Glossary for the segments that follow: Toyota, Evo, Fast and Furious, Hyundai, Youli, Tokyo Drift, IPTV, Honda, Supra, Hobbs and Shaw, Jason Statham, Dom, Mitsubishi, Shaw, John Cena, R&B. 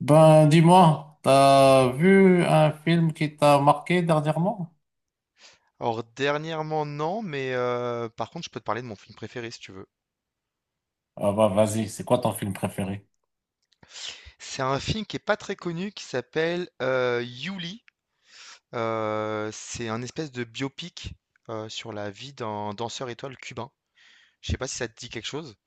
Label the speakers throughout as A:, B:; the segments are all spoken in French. A: Ben, dis-moi, t'as vu un film qui t'a marqué dernièrement?
B: Alors dernièrement, non, mais par contre, je peux te parler de mon film préféré si tu veux.
A: Ah bah vas-y, c'est quoi ton film préféré?
B: C'est un film qui est pas très connu qui s'appelle, Youli. C'est un espèce de biopic, sur la vie d'un danseur étoile cubain. Je sais pas si ça te dit quelque chose?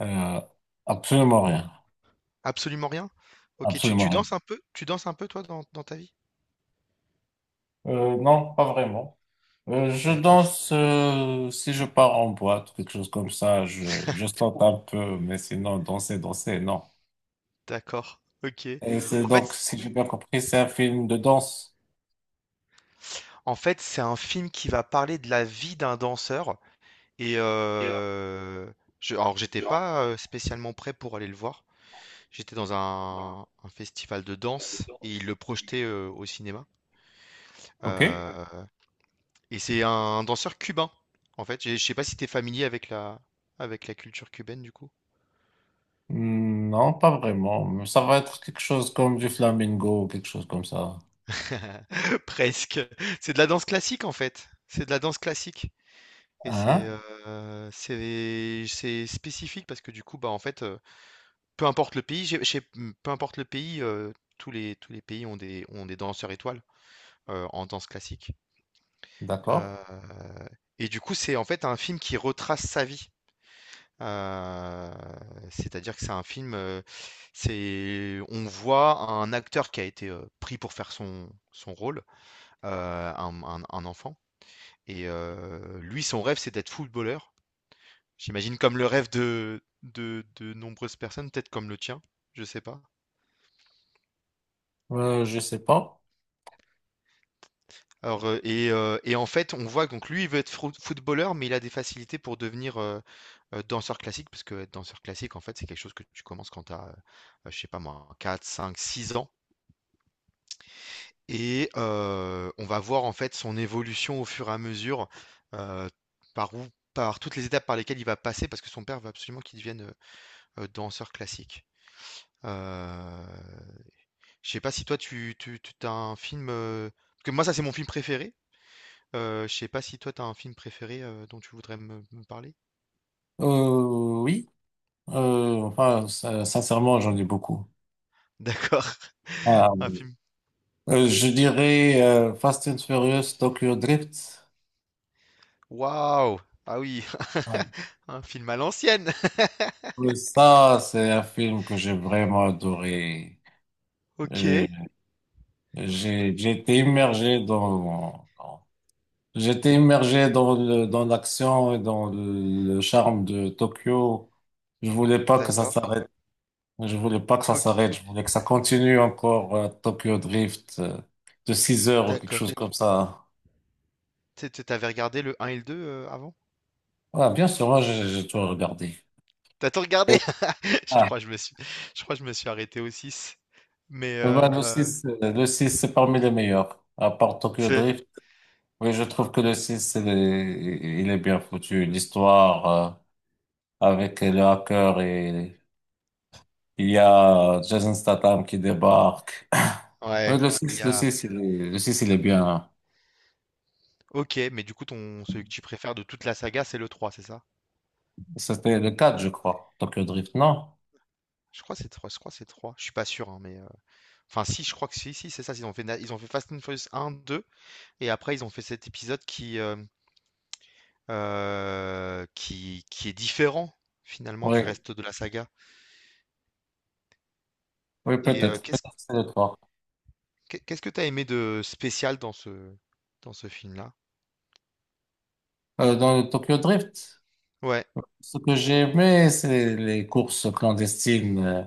A: Euh, Absolument rien,
B: Absolument rien? OK, tu
A: absolument
B: tu
A: rien.
B: danses un peu? Tu danses un peu toi dans ta vie?
A: Non, pas vraiment. Je
B: D'accord,
A: danse si je pars en boîte, quelque chose comme ça. Je saute un peu, mais sinon danser, danser, non.
B: d'accord, OK.
A: Et c'est
B: En fait
A: donc, si j'ai bien compris, c'est un film de danse.
B: en fait, c'est un film qui va parler de la vie d'un danseur. Et je, alors j'étais pas spécialement prêt pour aller le voir. J'étais dans un festival de danse et ils le projetaient au cinéma.
A: Ok?
B: Euh, et c'est danseur cubain, en fait. Je sais pas si t'es familier avec avec la culture cubaine du coup.
A: Hmm, non, pas vraiment. Ça va être quelque chose comme du flamingo, quelque chose comme ça.
B: Presque. C'est de la danse classique en fait. C'est de la danse classique. Et c'est
A: Hein?
B: c'est spécifique parce que du coup bah en fait peu importe le pays, peu importe le pays, tous les pays ont des danseurs étoiles, en danse classique,
A: D'accord?
B: heu et du coup, c'est en fait un film qui retrace sa vie, heu, c'est-à-dire que c'est un film, c'est on voit un acteur qui a été, pris pour faire son rôle, un enfant et lui, son rêve, c'est d'être footballeur. J'imagine comme le rêve de nombreuses personnes, peut-être comme le tien, je sais pas.
A: Je sais pas.
B: Alors, en fait, on voit que donc lui, il veut être frou footballeur, mais il a des facilités pour devenir, danseur classique. Parce que être danseur classique, en fait, c'est quelque chose que tu commences quand tu as, je sais pas moi, quatre cinq six ans et on va voir, en fait, son évolution au fur et à mesure, heu, par où par toutes les étapes par lesquelles il va passer. Parce que son père veut absolument qu'il devienne, danseur classique. Heu, je sais pas si toi, tu un film, parce que moi, ça, c'est mon film préféré. Je sais pas si toi t'as un film préféré dont tu voudrais me parler.
A: Oui. Enfin, sincèrement, j'en ai beaucoup.
B: D'accord.
A: Ah,
B: Un film.
A: je dirais Fast and Furious Tokyo Drift.
B: Waouh! Ah oui,
A: Ah.
B: un film à l'ancienne.
A: Ça, c'est un film que j'ai vraiment adoré.
B: Ok.
A: Euh, j'ai été j'étais immergé dans le, dans l'action et dans le, charme de Tokyo. Je voulais pas que ça
B: D'accord.
A: s'arrête. Je voulais pas que ça
B: Ok.
A: s'arrête, je voulais que ça continue encore Tokyo Drift de 6 heures ou quelque
B: D'accord.
A: chose comme ça.
B: T'avais regardé le 1 et le 2 avant?
A: Ouais, bien sûr, moi j'ai tout regardé.
B: T'as tout regardé?
A: Et-
B: Je
A: ah,
B: crois que je me suis, je crois que je me suis arrêté au 6. Mais
A: ouais, le 6 c'est parmi les meilleurs, à part Tokyo
B: c'est.
A: Drift. Oui, je trouve que le 6 c'est les- il est bien foutu. L'histoire avec le hacker et il y a Jason Statham qui débarque. Oui,
B: Ouais. Il y a.
A: le 6 il est bien.
B: Ok. Mais du coup, ton celui que tu préfères de toute la saga, c'est le 3, c'est ça?
A: C'était le 4 je crois, Tokyo Drift, non?
B: Je crois que c'est 3. Je crois que c'est 3. Je suis pas sûr, hein, mais. Enfin, si, je crois que si, si, c'est ça. Ils ont fait, ils ont fait Fast and Furious un, 2, et après, ils ont fait cet épisode qui est différent, finalement, du
A: Oui.
B: reste de la saga.
A: Oui,
B: Et
A: peut-être. Peut-être c'est le trois.
B: qu'est-ce que t'as aimé de spécial dans dans ce film-là?
A: Dans le Tokyo Drift,
B: Ouais,
A: ce que j'ai aimé, c'est les courses clandestines euh,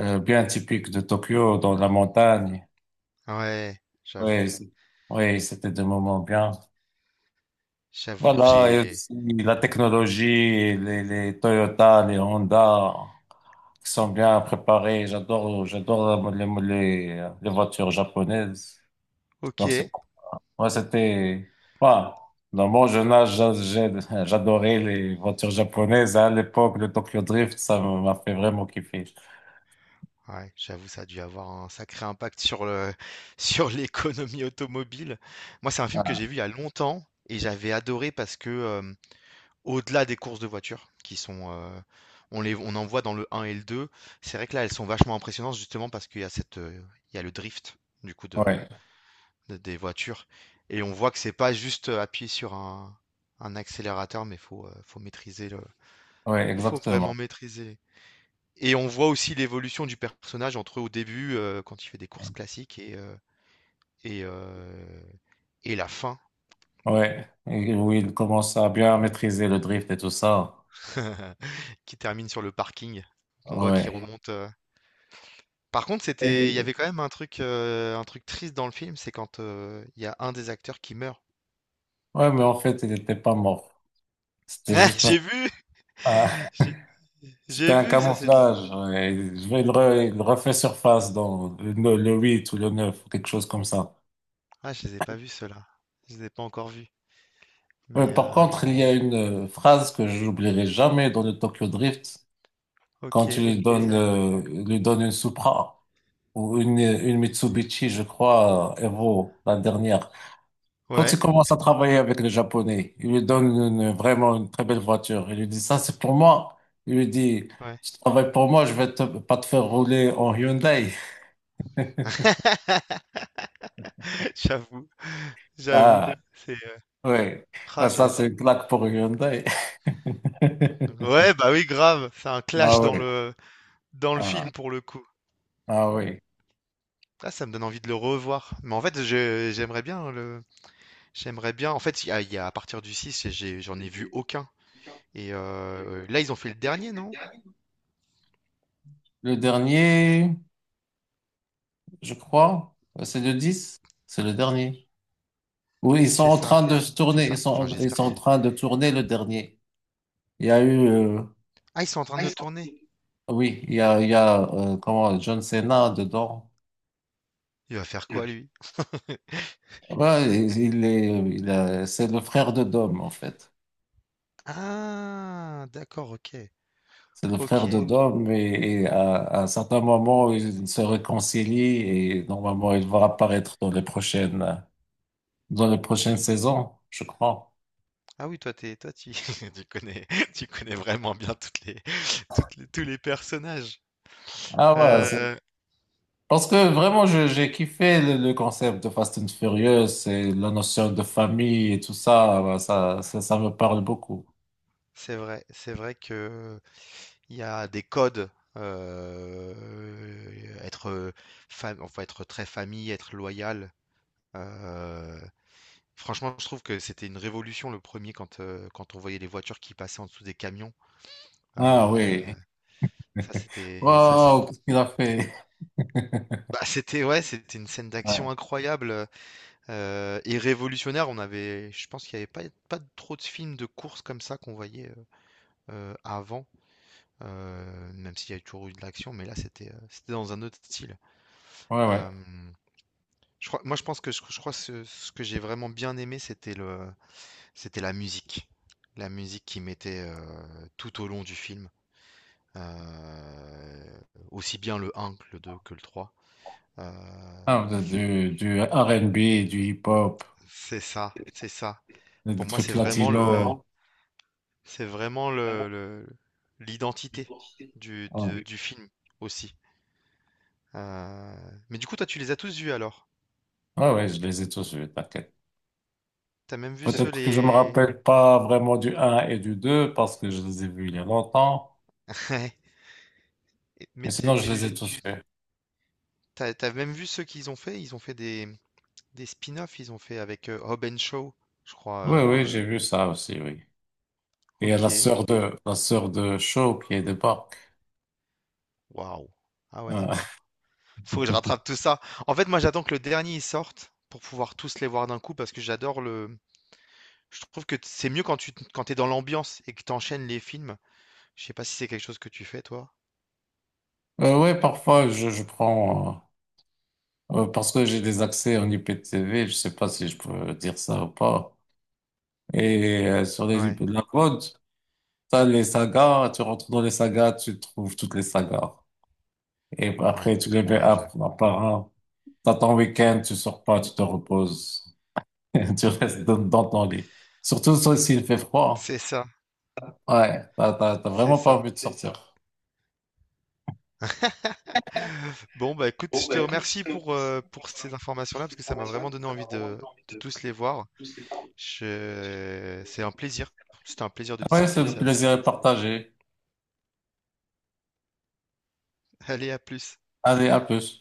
A: euh, bien typiques de Tokyo, dans la montagne.
B: ouais, j'avoue,
A: Oui, c'est- oui, c'était des moments bien.
B: j'avoue,
A: Voilà, et
B: j'ai...
A: aussi la technologie, les Toyota, les Honda, qui sont bien préparés. J'adore, j'adore les voitures japonaises.
B: Ok,
A: Donc, c'est
B: ouais,
A: ouais, c'était. Voilà. Dans mon jeune âge, j'adorais les voitures japonaises, hein. À l'époque, le Tokyo Drift, ça m'a fait vraiment kiffer.
B: j'avoue, ça a dû avoir un sacré impact sur le, sur l'économie automobile. Moi, c'est un film que
A: Ah,
B: j'ai vu il y a longtemps, et j'avais adoré parce que... au-delà des courses de voitures qui sont, on en voit dans le 1 et le 2. C'est vrai que là, elles sont vachement impressionnantes justement parce qu'il y a cette, il y a le drift du coup
A: ouais,
B: de des voitures et on voit que c'est pas juste, appuyer sur un accélérateur, mais faut, faut maîtriser le
A: ouais,
B: faut vraiment
A: exactement.
B: maîtriser et on voit aussi l'évolution du personnage entre au début, quand il fait des courses classiques et heu et la fin
A: Ouais, et où il commence à bien maîtriser le drift et tout ça.
B: qui termine sur le parking. Qu'on voit qu'il
A: Ouais.
B: remonte, par contre, c'était il y
A: Et-
B: avait quand même un truc triste dans le film, c'est quand, il y a un des acteurs qui meurt.
A: ouais, mais en fait, il n'était pas mort. C'était
B: Ah,
A: juste
B: j'ai vu!
A: un-
B: J'ai
A: c'était
B: j'ai
A: un
B: vu ça, c'est
A: camouflage, ouais. Il refait surface dans le 8 ou le 9 quelque chose comme ça.
B: ah, je les ai pas vus ceux-là. Je les ai pas encore vus, mais
A: Par contre, il y a une phrase que je n'oublierai jamais dans le Tokyo Drift,
B: OK,
A: quand tu lui
B: c'est
A: donnes,
B: vrai
A: il lui donne une Supra ou une Mitsubishi, je crois, Evo, la dernière. Quand
B: ouais,
A: il commence à travailler avec les Japonais, il lui donne une- vraiment une très belle voiture. Il lui dit, ça, c'est pour moi. Il lui dit,
B: ouais.
A: tu travailles pour moi, pas te faire rouler en Hyundai.
B: J'avoue, j'avoue,
A: Ah,
B: c'est,
A: oui.
B: ah,
A: Ah, ça,
B: j'ai
A: c'est une claque pour Hyundai.
B: ouais, bah, oui, grave, c'est un
A: Ah
B: clash
A: oui.
B: dans le
A: Ah,
B: film, pour le coup.
A: ah oui.
B: Ah, ça me donne envie de le revoir, mais en fait, je j'aimerais bien le j'aimerais bien. En fait, il y a- à partir du 6, j'en ai vu aucun. Et là, ils ont fait le dernier, non?
A: Le dernier, je crois. C'est le 10, c'est le dernier. Oui, ils sont
B: C'est
A: en
B: ça.
A: train de se
B: C'est
A: tourner,
B: ça. Enfin,
A: ils
B: j'espère
A: sont
B: que
A: en
B: c'est-
A: train de tourner le dernier. Il y a eu,
B: Ah, ils sont en train de le tourner.
A: Oui, il y a comment, John Cena dedans.
B: Il va faire quoi, lui?
A: Ouais, il est, il a- c'est le frère de Dom, en fait.
B: Ah, d'accord, ok.
A: C'est le
B: Ok.
A: frère de Dom et, à un certain moment, ils se réconcilient et normalement, il va apparaître dans les prochaines saisons, je crois.
B: Ah oui, toi, tu, tu connais, tu connais vraiment bien toutes les, tous les personnages.
A: Ah ouais.
B: Euh,
A: Parce que vraiment, j'ai kiffé le concept de Fast and Furious et la notion de famille et tout ça, bah, ça me parle beaucoup.
B: c'est vrai que il y a des codes. euh, être, enfin, être très famille, être loyal. euh, Franchement, je trouve que c'était une révolution le premier quand, quand on voyait les voitures qui passaient en dessous des camions. Euh,
A: Ah oui.
B: ça, c'est-
A: Wow, qu'est-ce qu'il a fait?
B: bah, c'était, ouais, c'était une scène
A: Ouais,
B: d'action incroyable et révolutionnaire. Je pense qu'il n'y avait pas trop de films de course comme ça qu'on voyait avant, même s'il y a toujours eu de l'action, mais là, c'était dans un autre style.
A: ouais.
B: Euh, je pense que je crois ce que j'ai vraiment bien aimé, c'était la musique. La musique qui mettait tout au long du film. Euh, aussi bien le un, que le 2 que le trois. Euh,
A: Ah, du R&B, du hip-hop,
B: c'est ça, c'est ça. Pour
A: des
B: moi,
A: trucs latinos.
B: c'est vraiment l'identité
A: Ouais,
B: du film aussi. Euh, mais du coup, toi, tu les as tous vus alors?
A: ouais, je les ai tous vus, t'inquiète.
B: T'as même vu ceux
A: Peut-être que je me
B: les.
A: rappelle pas vraiment du un et du 2 parce que je les ai vus il y a longtemps,
B: Ouais. Mais
A: mais sinon je les ai tous vus.
B: t'as, t'as même vu ceux qu'ils ont fait? Ils ont fait des spin-offs. Ils ont fait avec Hobbs and Shaw, je crois.
A: Oui, oui, j'ai vu ça aussi, oui. Il y a
B: Ok.
A: la sœur de Shaw qui débarque.
B: Waouh. Ah ouais,
A: Euh,
B: d'accord. Faut que je rattrape tout ça. En fait, moi, j'attends que le dernier il sorte pour pouvoir tous les voir d'un coup parce que j'adore le. Je trouve que c'est mieux quand tu quand t'es dans l'ambiance et que t'enchaînes les films. Je sais pas si c'est quelque chose que tu fais, toi.
A: ouais, parfois, je prends, parce que j'ai des accès en IPTV, je sais pas si je peux dire ça ou pas. Et sur les
B: Ouais,
A: IP de la mode, t'as les sagas, tu rentres dans les sagas, tu trouves toutes les sagas. Et
B: ouais,
A: après, tu les mets
B: ouais,
A: un
B: je-
A: un par un. T'as ton week-end, tu sors pas, tu te reposes. Tu restes dans ton lit. Surtout ça, s'il fait froid.
B: C'est ça,
A: Ouais, t'as
B: c'est
A: vraiment pas
B: ça.
A: envie de sortir.
B: Bon, bah écoute, je te remercie pour ces informations-là parce que ça m'a vraiment donné envie de tous les voir. Je... C'est un plaisir. C'était un plaisir de
A: Ouais,
B: discuter
A: c'est
B: de
A: le
B: ça avec
A: plaisir
B: toi.
A: est partagé.
B: Allez, à plus.
A: Allez, à plus.